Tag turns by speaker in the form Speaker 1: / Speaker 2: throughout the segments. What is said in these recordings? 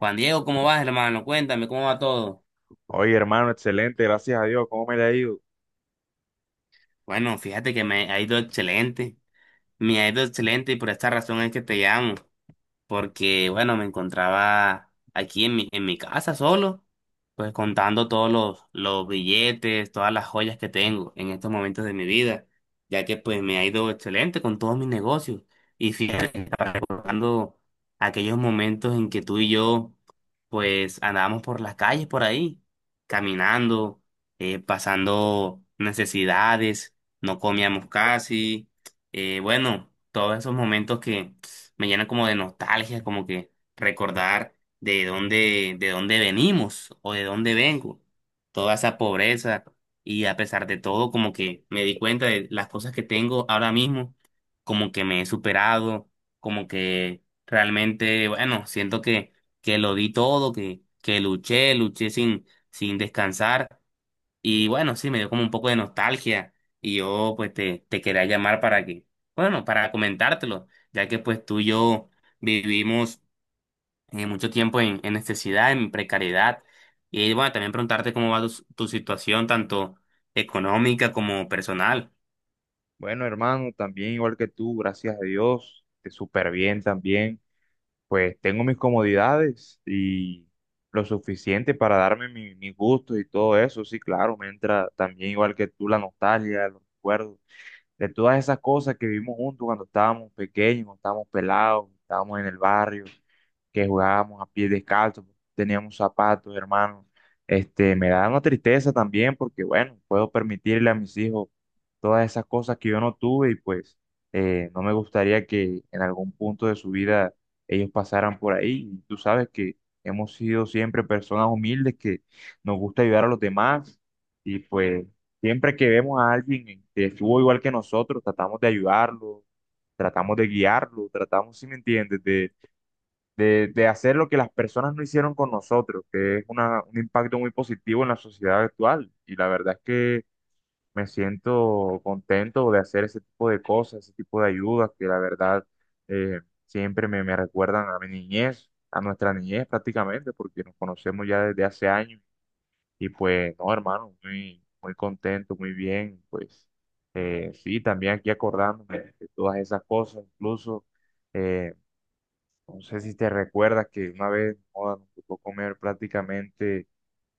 Speaker 1: Juan Diego, ¿cómo vas, hermano? Cuéntame, ¿cómo va todo?
Speaker 2: Oye, hermano, excelente, gracias a Dios. ¿Cómo me le ha ido?
Speaker 1: Bueno, fíjate que me ha ido excelente, me ha ido excelente y por esta razón es que te llamo. Porque bueno, me encontraba aquí en mi casa solo, pues contando todos los billetes, todas las joyas que tengo en estos momentos de mi vida, ya que pues me ha ido excelente con todos mis negocios. Y fíjate, que estaba recordando aquellos momentos en que tú y yo pues andábamos por las calles por ahí, caminando, pasando necesidades, no comíamos casi, bueno, todos esos momentos que me llena como de nostalgia, como que recordar de dónde venimos o de dónde vengo, toda esa pobreza y a pesar de todo, como que me di cuenta de las cosas que tengo ahora mismo, como que me he superado, como que realmente, bueno, siento que lo di todo, que luché, luché sin descansar y bueno, sí, me dio como un poco de nostalgia y yo pues te quería llamar para que, bueno, para comentártelo, ya que pues tú y yo vivimos mucho tiempo en necesidad, en precariedad. Y bueno, también preguntarte cómo va tu situación, tanto económica como personal.
Speaker 2: Bueno, hermano, también igual que tú, gracias a Dios, te súper bien también. Pues tengo mis comodidades y lo suficiente para darme mis gustos y todo eso. Sí, claro, me entra también igual que tú la nostalgia, los recuerdos de todas esas cosas que vivimos juntos cuando estábamos pequeños, cuando estábamos pelados, cuando estábamos en el barrio, que jugábamos a pies descalzos, teníamos zapatos, hermanos. Este, me da una tristeza también porque, bueno, puedo permitirle a mis hijos todas esas cosas que yo no tuve y pues no me gustaría que en algún punto de su vida ellos pasaran por ahí. Y tú sabes que hemos sido siempre personas humildes que nos gusta ayudar a los demás, y pues siempre que vemos a alguien que estuvo igual que nosotros, tratamos de ayudarlo, tratamos de guiarlo, tratamos, si me entiendes, de hacer lo que las personas no hicieron con nosotros, que es un impacto muy positivo en la sociedad actual. Y la verdad es que me siento contento de hacer ese tipo de cosas, ese tipo de ayudas, que la verdad eh, siempre me recuerdan a mi niñez, a nuestra niñez prácticamente, porque nos conocemos ya desde hace años. Y pues, no, hermano, muy contento, muy bien. Pues, sí, también aquí acordándome de todas esas cosas, incluso, eh, no sé si te recuerdas que una vez, joda, nos tocó comer prácticamente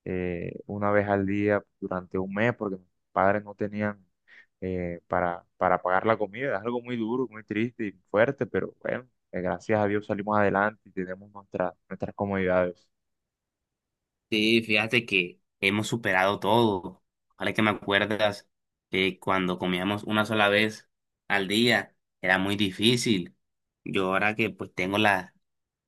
Speaker 2: una vez al día durante un mes porque mis padres no tenían, para pagar la comida. Es algo muy duro, muy triste y fuerte, pero bueno, gracias a Dios salimos adelante y tenemos nuestras comodidades.
Speaker 1: Sí, fíjate que hemos superado todo. Ahora que me acuerdas que cuando comíamos una sola vez al día era muy difícil. Yo ahora que pues tengo la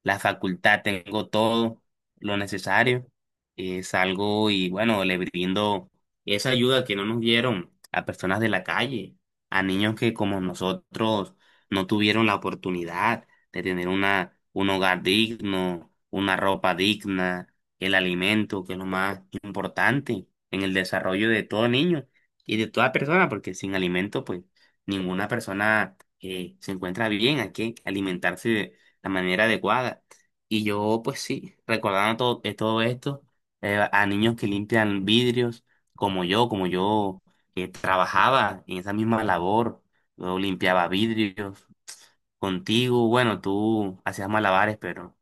Speaker 1: la facultad, tengo todo lo necesario. Salgo y bueno, le brindo esa ayuda que no nos dieron a personas de la calle, a niños que como nosotros no tuvieron la oportunidad de tener una, un hogar digno, una ropa digna, el alimento, que es lo más importante en el desarrollo de todo niño y de toda persona, porque sin alimento, pues ninguna persona se encuentra bien, hay que alimentarse la manera adecuada. Y yo, pues sí, recordando todo, todo esto, a niños que limpian vidrios, como yo que trabajaba en esa misma labor, yo limpiaba vidrios contigo, bueno, tú hacías malabares, pero...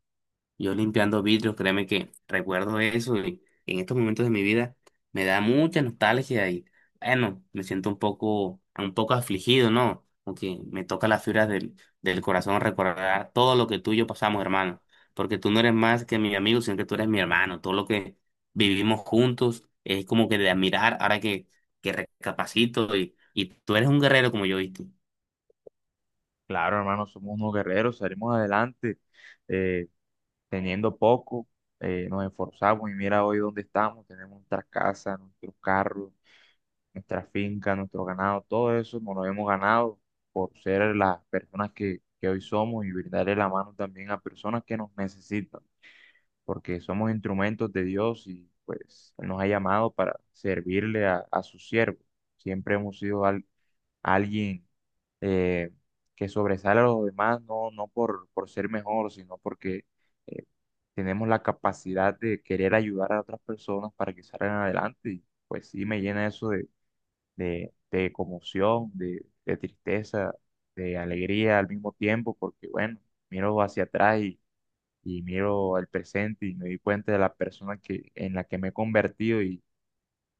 Speaker 1: Yo limpiando vidrios, créeme que recuerdo eso y en estos momentos de mi vida me da mucha nostalgia y bueno, me siento un poco afligido, ¿no? Porque me toca las fibras del corazón recordar todo lo que tú y yo pasamos, hermano. Porque tú no eres más que mi amigo, sino que tú eres mi hermano. Todo lo que vivimos juntos es como que de admirar ahora que recapacito y tú eres un guerrero como yo, ¿viste?
Speaker 2: Claro, hermano, somos unos guerreros, salimos adelante, eh, teniendo poco, nos esforzamos y mira hoy dónde estamos, tenemos nuestras casas, nuestros carros, nuestra finca, nuestro ganado. Todo eso nos lo hemos ganado por ser las personas que hoy somos, y brindarle la mano también a personas que nos necesitan, porque somos instrumentos de Dios y pues Él nos ha llamado para servirle a su siervo. Siempre hemos sido alguien, eh, que sobresale a los demás, no, no por, por ser mejor, sino porque eh, tenemos la capacidad de querer ayudar a otras personas para que salgan adelante. Y pues sí, me llena eso de conmoción, de tristeza, de alegría al mismo tiempo, porque bueno, miro hacia atrás y miro el presente y me di cuenta de la persona que, en la que me he convertido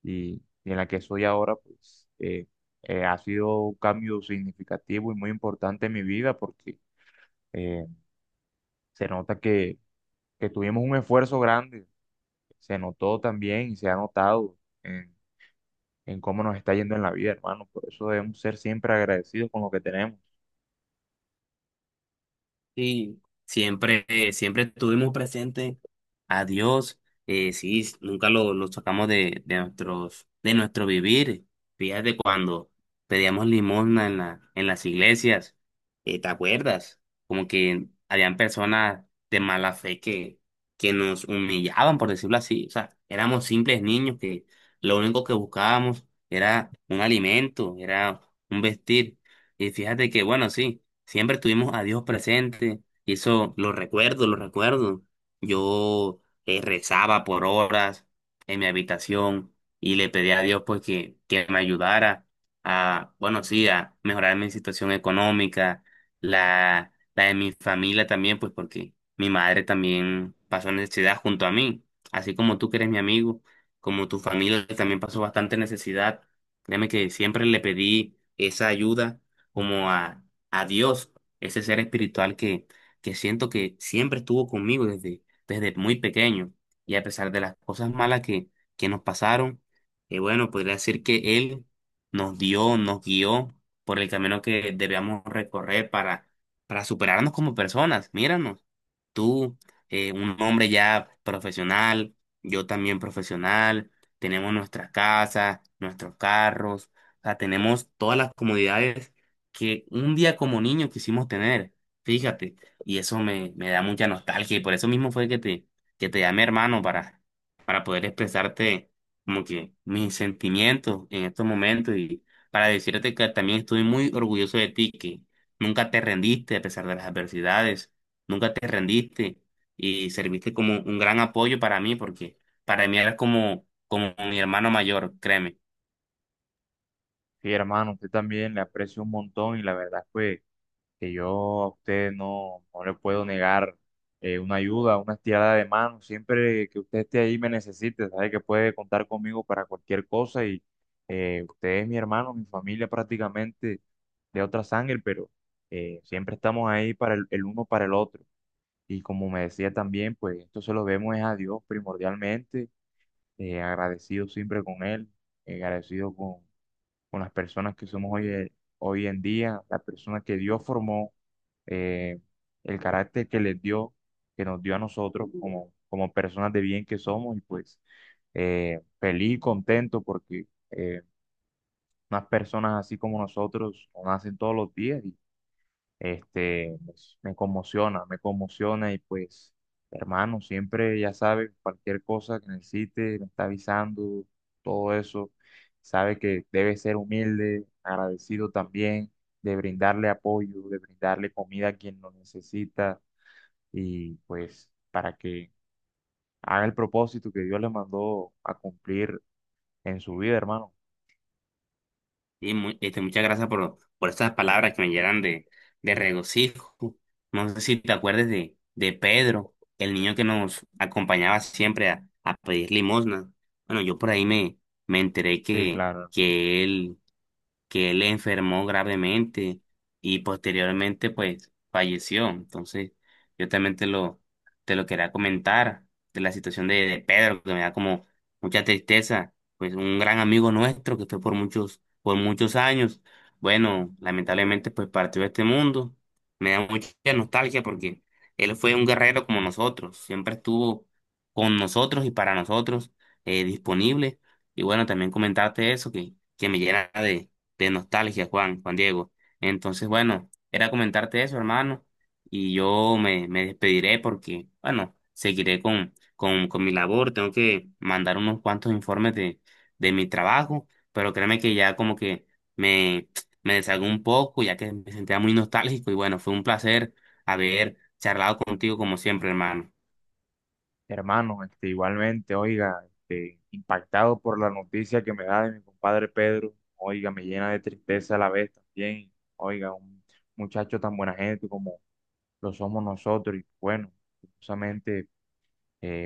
Speaker 2: y, y en la que soy ahora, pues ha sido un cambio significativo y muy importante en mi vida porque eh, se nota que tuvimos un esfuerzo grande, se notó también y se ha notado en, en cómo nos está yendo en la vida, hermano. Por eso debemos ser siempre agradecidos con lo que tenemos.
Speaker 1: Sí, siempre, siempre estuvimos presentes a Dios, sí, nunca lo sacamos de nuestros, de nuestro vivir. Fíjate cuando pedíamos limosna en la, en las iglesias, ¿te acuerdas? Como que habían personas de mala fe que nos humillaban, por decirlo así. O sea, éramos simples niños que lo único que buscábamos era un alimento, era un vestir. Y fíjate que, bueno, sí. Siempre tuvimos a Dios presente y eso lo recuerdo, lo recuerdo. Yo rezaba por horas en mi habitación y le pedía a Dios pues que me ayudara a, bueno, sí, a mejorar mi situación económica, la de mi familia también, pues porque mi madre también pasó necesidad junto a mí, así como tú que eres mi amigo, como tu familia también pasó bastante necesidad. Créeme que siempre le pedí esa ayuda como a Dios, ese ser espiritual que siento que siempre estuvo conmigo desde, desde muy pequeño. Y a pesar de las cosas malas que nos pasaron, bueno, podría decir que Él nos dio, nos guió por el camino que debíamos recorrer para superarnos como personas. Míranos, tú, un hombre ya profesional, yo también profesional, tenemos nuestras casas, nuestros carros, o sea, tenemos todas las comodidades que un día como niño quisimos tener, fíjate, y eso me, me da mucha nostalgia y por eso mismo fue que te llamé hermano para poder expresarte como que mis sentimientos en estos momentos y para decirte que también estoy muy orgulloso de ti, que nunca te rendiste a pesar de las adversidades, nunca te rendiste y serviste como un gran apoyo para mí porque para mí eras como, como mi hermano mayor, créeme.
Speaker 2: Sí, hermano, usted también le aprecio un montón, y la verdad fue que yo a usted no, no le puedo negar una ayuda, una estirada de mano. Siempre que usted esté ahí me necesite, sabe que puede contar conmigo para cualquier cosa. Y usted es mi hermano, mi familia prácticamente de otra sangre, pero siempre estamos ahí para el uno para el otro. Y como me decía también, pues esto se lo vemos es a Dios primordialmente, agradecido siempre con Él, agradecido con las personas que somos hoy, hoy en día, las personas que Dios formó, eh, el carácter que les dio, que nos dio a nosotros como, como personas de bien que somos. Y pues feliz y contento porque eh, unas personas así como nosotros no nacen todos los días. Este, pues, me conmociona, me conmociona. Y pues, hermano, siempre ya sabes, cualquier cosa que necesites, me está avisando, todo eso. Sabe que debe ser humilde, agradecido también, de brindarle apoyo, de brindarle comida a quien lo necesita, y pues para que haga el propósito que Dios le mandó a cumplir en su vida, hermano.
Speaker 1: Y este, muchas gracias por estas palabras que me llenan de regocijo. No sé si te acuerdas de Pedro, el niño que nos acompañaba siempre a pedir limosna. Bueno, yo por ahí me, me enteré
Speaker 2: Sí,
Speaker 1: que,
Speaker 2: claro.
Speaker 1: que él que él enfermó gravemente y posteriormente pues falleció. Entonces, yo también te lo quería comentar de la situación de Pedro, que me da como mucha tristeza, pues un gran amigo nuestro que fue por muchos años. Bueno, lamentablemente pues partió de este mundo. Me da mucha nostalgia porque él fue un guerrero como nosotros, siempre estuvo con nosotros y para nosotros disponible. Y bueno, también comentarte eso que me llena de nostalgia, Juan, Juan Diego. Entonces, bueno, era comentarte eso, hermano, y yo me, me despediré porque, bueno, seguiré con mi labor, tengo que mandar unos cuantos informes de mi trabajo, pero créeme que ya como que me, me deshago un poco, ya que me sentía muy nostálgico, y bueno, fue un placer haber charlado contigo como siempre, hermano.
Speaker 2: Hermano, este, igualmente, oiga, este, impactado por la noticia que me da de mi compadre Pedro, oiga, me llena de tristeza a la vez también, oiga, un muchacho tan buena gente como lo somos nosotros, y bueno, justamente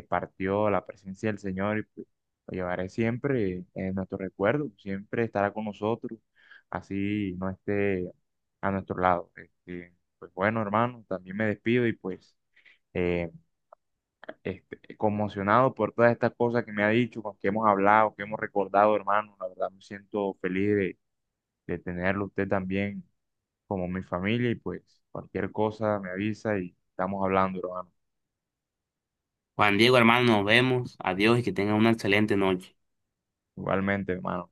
Speaker 2: partió a la presencia del Señor y pues, lo llevaré siempre en nuestro recuerdo, siempre estará con nosotros, así no esté a nuestro lado. Este, pues bueno, hermano, también me despido y pues... eh, este, conmocionado por todas estas cosas que me ha dicho, con que hemos hablado, que hemos recordado, hermano. La verdad me siento feliz de tenerlo usted también como mi familia, y pues cualquier cosa me avisa y estamos hablando, hermano.
Speaker 1: Juan Diego, hermano, nos vemos, adiós y que tenga una excelente noche.
Speaker 2: Igualmente, hermano.